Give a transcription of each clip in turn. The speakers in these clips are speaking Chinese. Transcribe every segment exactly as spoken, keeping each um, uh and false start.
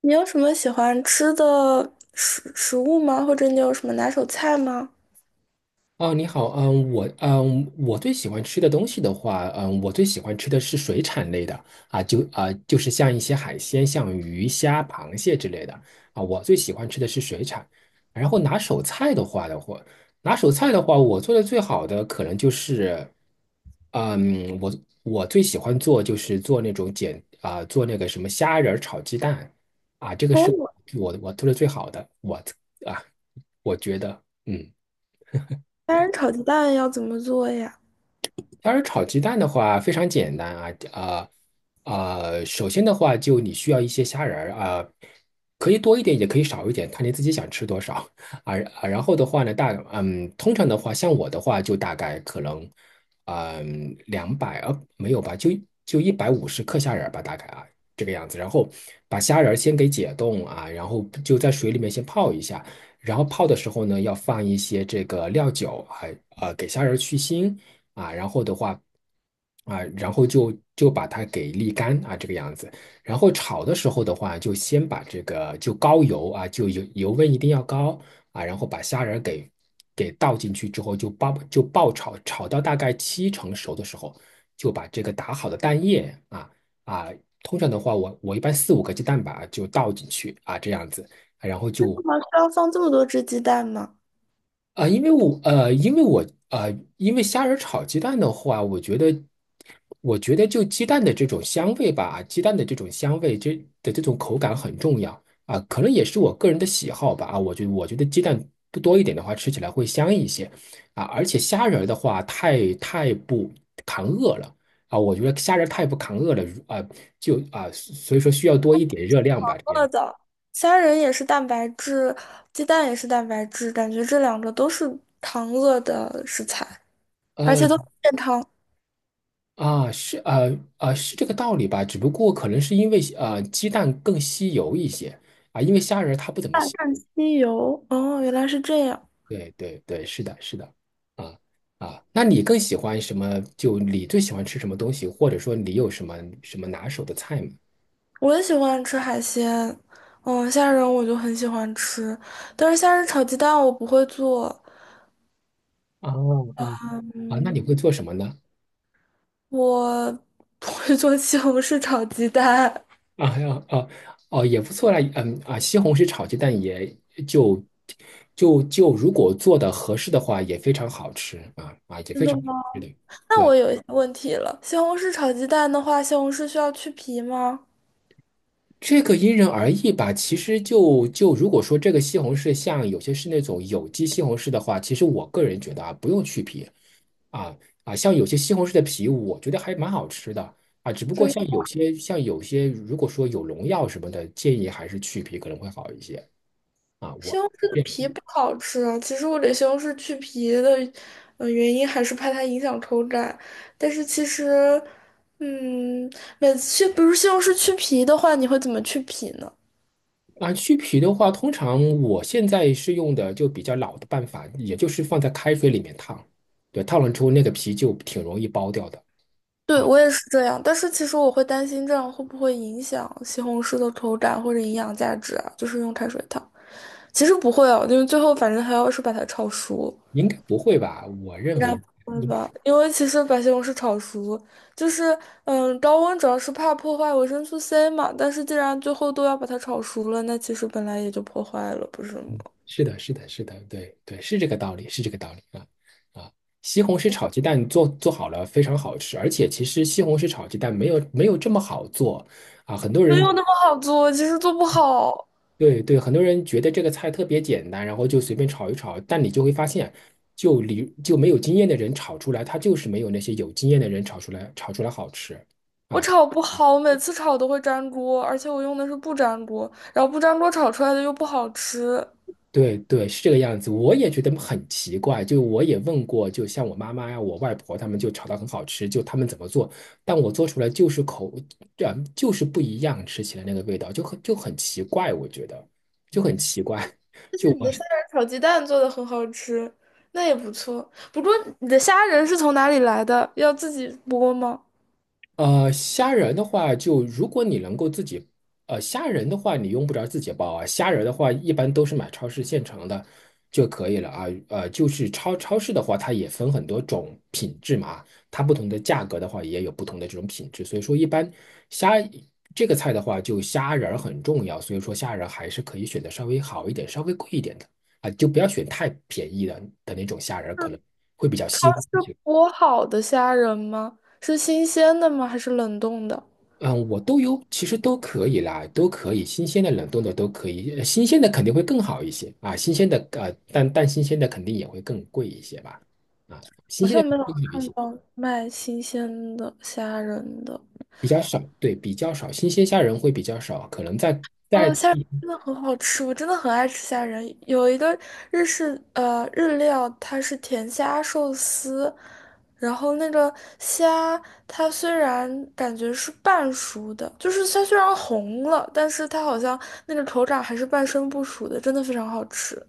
你有什么喜欢吃的食食物吗？或者你有什么拿手菜吗？哦，你好，嗯，我嗯，我最喜欢吃的东西的话，嗯，我最喜欢吃的是水产类的啊，就啊，就是像一些海鲜，像鱼虾、螃蟹之类的啊，我最喜欢吃的是水产。然后拿手菜的话的话，拿手菜的话，我做的最好的可能就是，嗯，我我最喜欢做就是做那种简啊，做那个什么虾仁儿炒鸡蛋啊，这个是哦，我我做的最好的，我啊，我觉得嗯。虾仁炒鸡蛋要怎么做呀？要是炒鸡蛋的话，非常简单啊，呃呃，首先的话，就你需要一些虾仁儿啊、可以多一点，也可以少一点，看你自己想吃多少啊啊。然后的话呢，大嗯，通常的话，像我的话，就大概可能嗯两百啊没有吧，就就一百五十克虾仁儿吧，大概啊这个样子。然后把虾仁儿先给解冻啊，然后就在水里面先泡一下。然后泡的时候呢，要放一些这个料酒还呃，给虾仁儿去腥。啊，然后的话。啊，然后就就把它给沥干啊，这个样子。然后炒的时候的话，就先把这个就高油啊，就油油温一定要高啊，然后把虾仁儿给给倒进去之后，就爆就爆炒，炒到大概七成熟的时候，就把这个打好的蛋液啊啊，通常的话我我一般四五个鸡蛋吧就倒进去啊，这样子，然后为就什么需要放这么多只鸡蛋吗？啊，因为我呃，因为我呃，因为虾仁炒鸡蛋的话，我觉得，我觉得就鸡蛋的这种香味吧，鸡蛋的这种香味，这的这种口感很重要啊，可能也是我个人的喜好吧啊，我觉我觉得鸡蛋多多一点的话，吃起来会香一些啊，而且虾仁儿的话，太太不扛饿了啊，我觉得虾仁儿太不扛饿了啊，就啊，所以说需要多一点热量吧，这饿边。的，虾仁也是蛋白质，鸡蛋也是蛋白质，感觉这两个都是糖饿的食材，而且呃，都很健康。啊，是呃呃是这个道理吧？只不过可能是因为呃鸡蛋更吸油一些啊，因为虾仁儿它不怎么吸。鸡油，哦，原来是这样。对对对，是的，是的，啊啊，那你更喜欢什么？就你最喜欢吃什么东西，或者说你有什么什么拿手的菜吗？我也喜欢吃海鲜，嗯，虾仁我就很喜欢吃，但是虾仁炒鸡蛋我不会做。啊啊啊，那你嗯。会做什么呢？我不会做西红柿炒鸡蛋。啊呀啊哦，也不错啦，嗯啊，西红柿炒鸡蛋也就就就如果做的合适的话，也非常好吃啊啊，也非常好吃的。那对我有一些问题了，西红柿炒鸡蛋的话，西红柿需要去皮吗？这个因人而异吧。其实就就如果说这个西红柿像有些是那种有机西红柿的话，其实我个人觉得啊，不用去皮啊啊，像有些西红柿的皮，我觉得还蛮好吃的啊。只不过真像的，有些像有些，如果说有农药什么的，建议还是去皮可能会好一些啊。西我。红柿的皮不好吃啊。其实我给西红柿去皮的，呃，原因还是怕它影响口感。但是其实，嗯，每次去，比如西红柿去皮的话，你会怎么去皮呢？啊，去皮的话，通常我现在是用的就比较老的办法，也就是放在开水里面烫，对，烫了之后那个皮就挺容易剥掉的，对，我也是这样，但是其实我会担心这样会不会影响西红柿的口感或者营养价值啊？就是用开水烫，其实不会哦，因为最后反正还要是把它炒熟，应该不会吧？我认应该为不会吧？因为其实把西红柿炒熟，就是嗯，高温主要是怕破坏维生素 C 嘛，但是既然最后都要把它炒熟了，那其实本来也就破坏了，不是吗？是的，是的，是的，对对，是这个道理，是这个道理啊啊！西红柿炒鸡蛋做做好了非常好吃，而且其实西红柿炒鸡蛋没有没有这么好做啊。很多没人有那么好做，其实做不好。对对，很多人觉得这个菜特别简单，然后就随便炒一炒，但你就会发现，就你就没有经验的人炒出来，它就是没有那些有经验的人炒出来炒出来好吃。我炒不好，我每次炒都会粘锅，而且我用的是不粘锅，然后不粘锅炒出来的又不好吃。对对，是这个样子。我也觉得很奇怪，就我也问过，就像我妈妈呀、我外婆他们就炒的很好吃，就他们怎么做，但我做出来就是口，这样就是不一样，吃起来那个味道就很就很奇怪，我觉得就很奇怪。但是你的虾仁炒鸡蛋做的很好吃，那也不错。不过你的虾仁是从哪里来的？要自己剥吗？呃，虾仁的话，就如果你能够自己，呃，虾仁的话，你用不着自己包啊。虾仁的话，一般都是买超市现成的就可以了啊。呃，就是超超市的话，它也分很多种品质嘛，它不同的价格的话，也有不同的这种品质。所以说，一般虾这个菜的话，就虾仁儿很重要。所以说，虾仁还是可以选择稍微好一点、稍微贵一点的啊，就不要选太便宜的的那种虾仁儿可能会比较腥。是剥好的虾仁吗？是新鲜的吗？还是冷冻的？嗯，我都有，其实都可以啦，都可以，新鲜的、冷冻的都可以，呃新鲜的肯定会更好一些啊，新鲜的呃，但但新鲜的肯定也会更贵一些吧，啊，新好鲜的像没有更好一看些，到卖新鲜的虾仁的。比较少，对，比较少，新鲜虾仁会比较少，可能在在哦，虾仁真的很好吃，我真的很爱吃虾仁。有一个日式呃日料，它是甜虾寿司，然后那个虾它虽然感觉是半熟的，就是它虽然红了，但是它好像那个口感还是半生不熟的，真的非常好吃。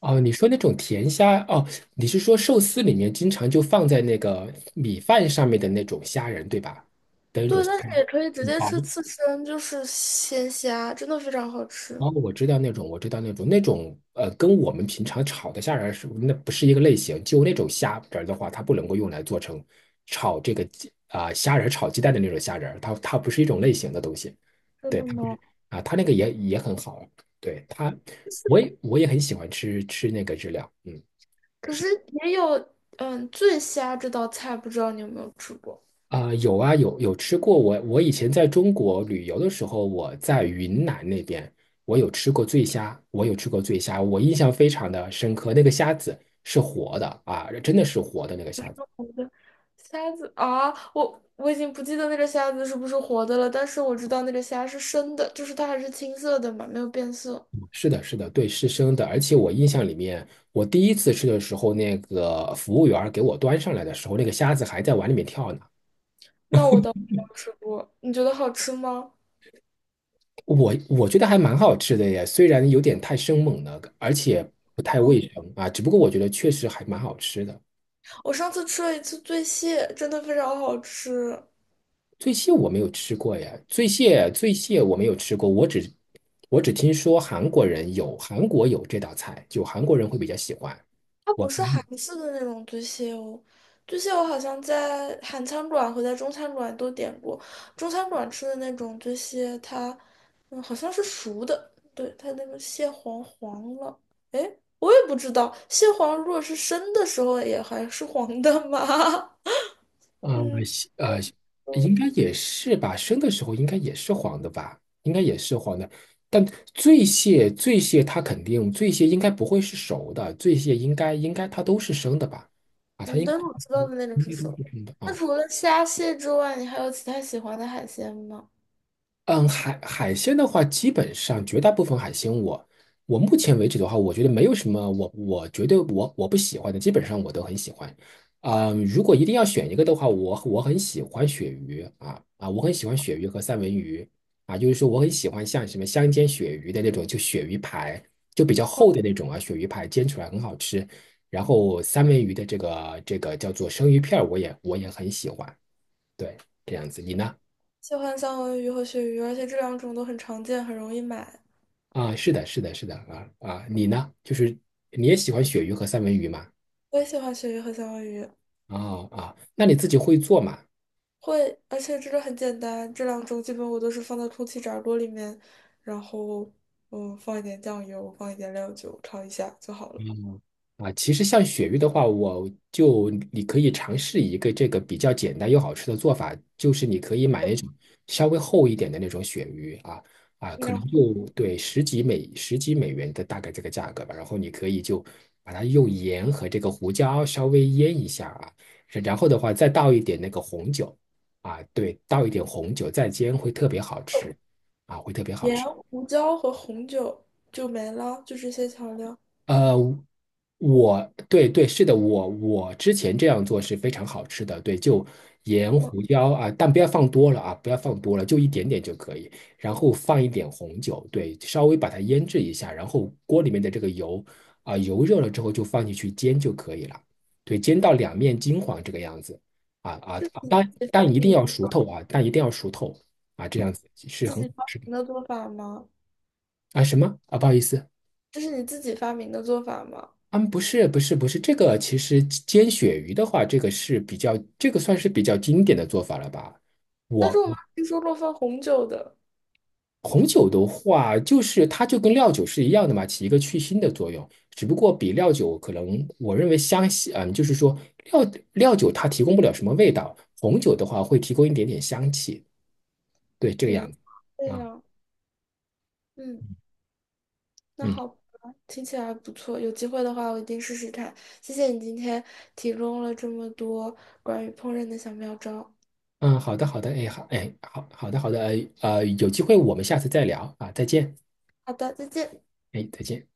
哦，你说那种甜虾哦，你是说寿司里面经常就放在那个米饭上面的那种虾仁对吧？的那种对，虾但是仁，也可以直很接薄吃刺身，就是鲜虾，真的非常好吃。哦，我知道那种，我知道那种，那种呃，跟我们平常炒的虾仁儿是那不是一个类型。就那种虾仁儿的话，它不能够用来做成炒这个鸡啊、虾仁儿炒鸡蛋的那种虾仁儿它它不是一种类型的东西。真对，的它不吗？是啊，它那个也也很好。对它，我也我也很喜欢吃吃那个日料。嗯。可是也有嗯醉虾这道菜，不知道你有没有吃过？啊、有啊，有有吃过。我我以前在中国旅游的时候，我在云南那边，我有吃过醉虾，我有吃过醉虾，我印象非常的深刻。那个虾子是活的啊，真的是活的那个虾子。好的，虾子啊，我我已经不记得那个虾子是不是活的了，但是我知道那个虾是生的，就是它还是青色的嘛，没有变色。是的，是的，对，是生的。而且我印象里面，我第一次吃的时候，那个服务员儿给我端上来的时候，那个虾子还在碗里面跳呢。那我倒没有吃过，你觉得好吃吗？我我觉得还蛮好吃的耶，虽然有点太生猛了，而且不太嗯，卫生啊，只不过我觉得确实还蛮好吃的。我上次吃了一次醉蟹，真的非常好吃。醉蟹我没有吃过呀，醉蟹醉蟹我没有吃过，我只我只听说韩国人有韩国有这道菜，就韩国人会比较喜欢。我不是听韩式的那种醉蟹哦，醉蟹我好像在韩餐馆和在中餐馆都点过，中餐馆吃的那种醉蟹，它嗯好像是熟的，对，它那个蟹黄黄了，诶，我也不知道，蟹黄如果是生的时候也还是黄的吗？呃西呃，应该也是吧，生的时候应该也是黄的吧，应该也是黄的。但醉蟹醉蟹它肯定醉蟹应该不会是熟的，醉蟹应该应该它都是生的吧？啊，它嗯，应但是我知道的那种该。是熟的。那啊。除了虾蟹之外，你还有其他喜欢的海鲜吗？嗯，海海鲜的话，基本上绝大部分海鲜我，我目前为止的话，我觉得没有什么我我觉得我我不喜欢的，基本上我都很喜欢。嗯，如果一定要选一个的话，我我很喜欢鳕鱼啊啊，我很喜欢鳕鱼和三文鱼啊，就是说我很喜欢像什么香煎鳕鱼的那种，就鳕鱼排，就比较厚的那种啊，鳕鱼排煎出来很好吃。然后三文鱼的这个这个叫做生鱼片儿，我也我也很喜欢。对，这样子，你呢？喜欢三文鱼和鳕鱼，而且这两种都很常见，很容易买。啊，是的，是的，是的，啊啊，你呢？就是你也喜欢鳕鱼和三文鱼吗？我也喜欢鳕鱼和三文鱼，哦啊，那你自己会做吗？会，而且这个很简单，这两种基本我都是放到空气炸锅里面，然后嗯放一点酱油，放一点料酒炒一下就好了。啊，其实像鳕鱼的话，我就你可以尝试一个这个比较简单又好吃的做法，就是你可以买那种稍微厚一点的那种鳕鱼啊啊，可然能后就对十几美十几美元的大概这个价格吧。然后你可以就把它用盐和这个胡椒稍微腌一下啊，然后的话再倒一点那个红酒啊，对，倒一点红酒再煎会特别好吃啊，会特别好盐、吃。胡椒和红酒就没了，就这些调料。呃，我对对是的，我我之前这样做是非常好吃的，对，就盐嗯，胡椒啊，但不要放多了啊，不要放多了，就一点点就可以，然后放一点红酒，对，稍微把它腌制一下，然后锅里面的这个油啊，油热了之后就放进去煎就可以了，对，煎到两面金黄这个样子啊啊，啊但这是但一定你要熟透啊，但一定要熟透啊，这样子是自很己好发吃的明的做法吗？啊，什么啊，不好意思。这是你自己发明的做法吗？嗯，不是，不是，不是，这个其实煎鳕鱼的话，这个是比较，这个算是比较经典的做法了吧？但是我我们听说过放红酒的，红酒的话，就是它就跟料酒是一样的嘛，起一个去腥的作用，只不过比料酒可能我认为香气，嗯，就是说料料酒它提供不了什么味道，红酒的话会提供一点点香气，对，这个原来样子。这啊，样。嗯。那嗯好吧，听起来不错。有机会的话，我一定试试看。谢谢你今天提供了这么多关于烹饪的小妙招。嗯，好的，好的，哎，好，哎，好，好的，好的，呃，呃有机会我们下次再聊啊，再见，好的，再见。哎，再见。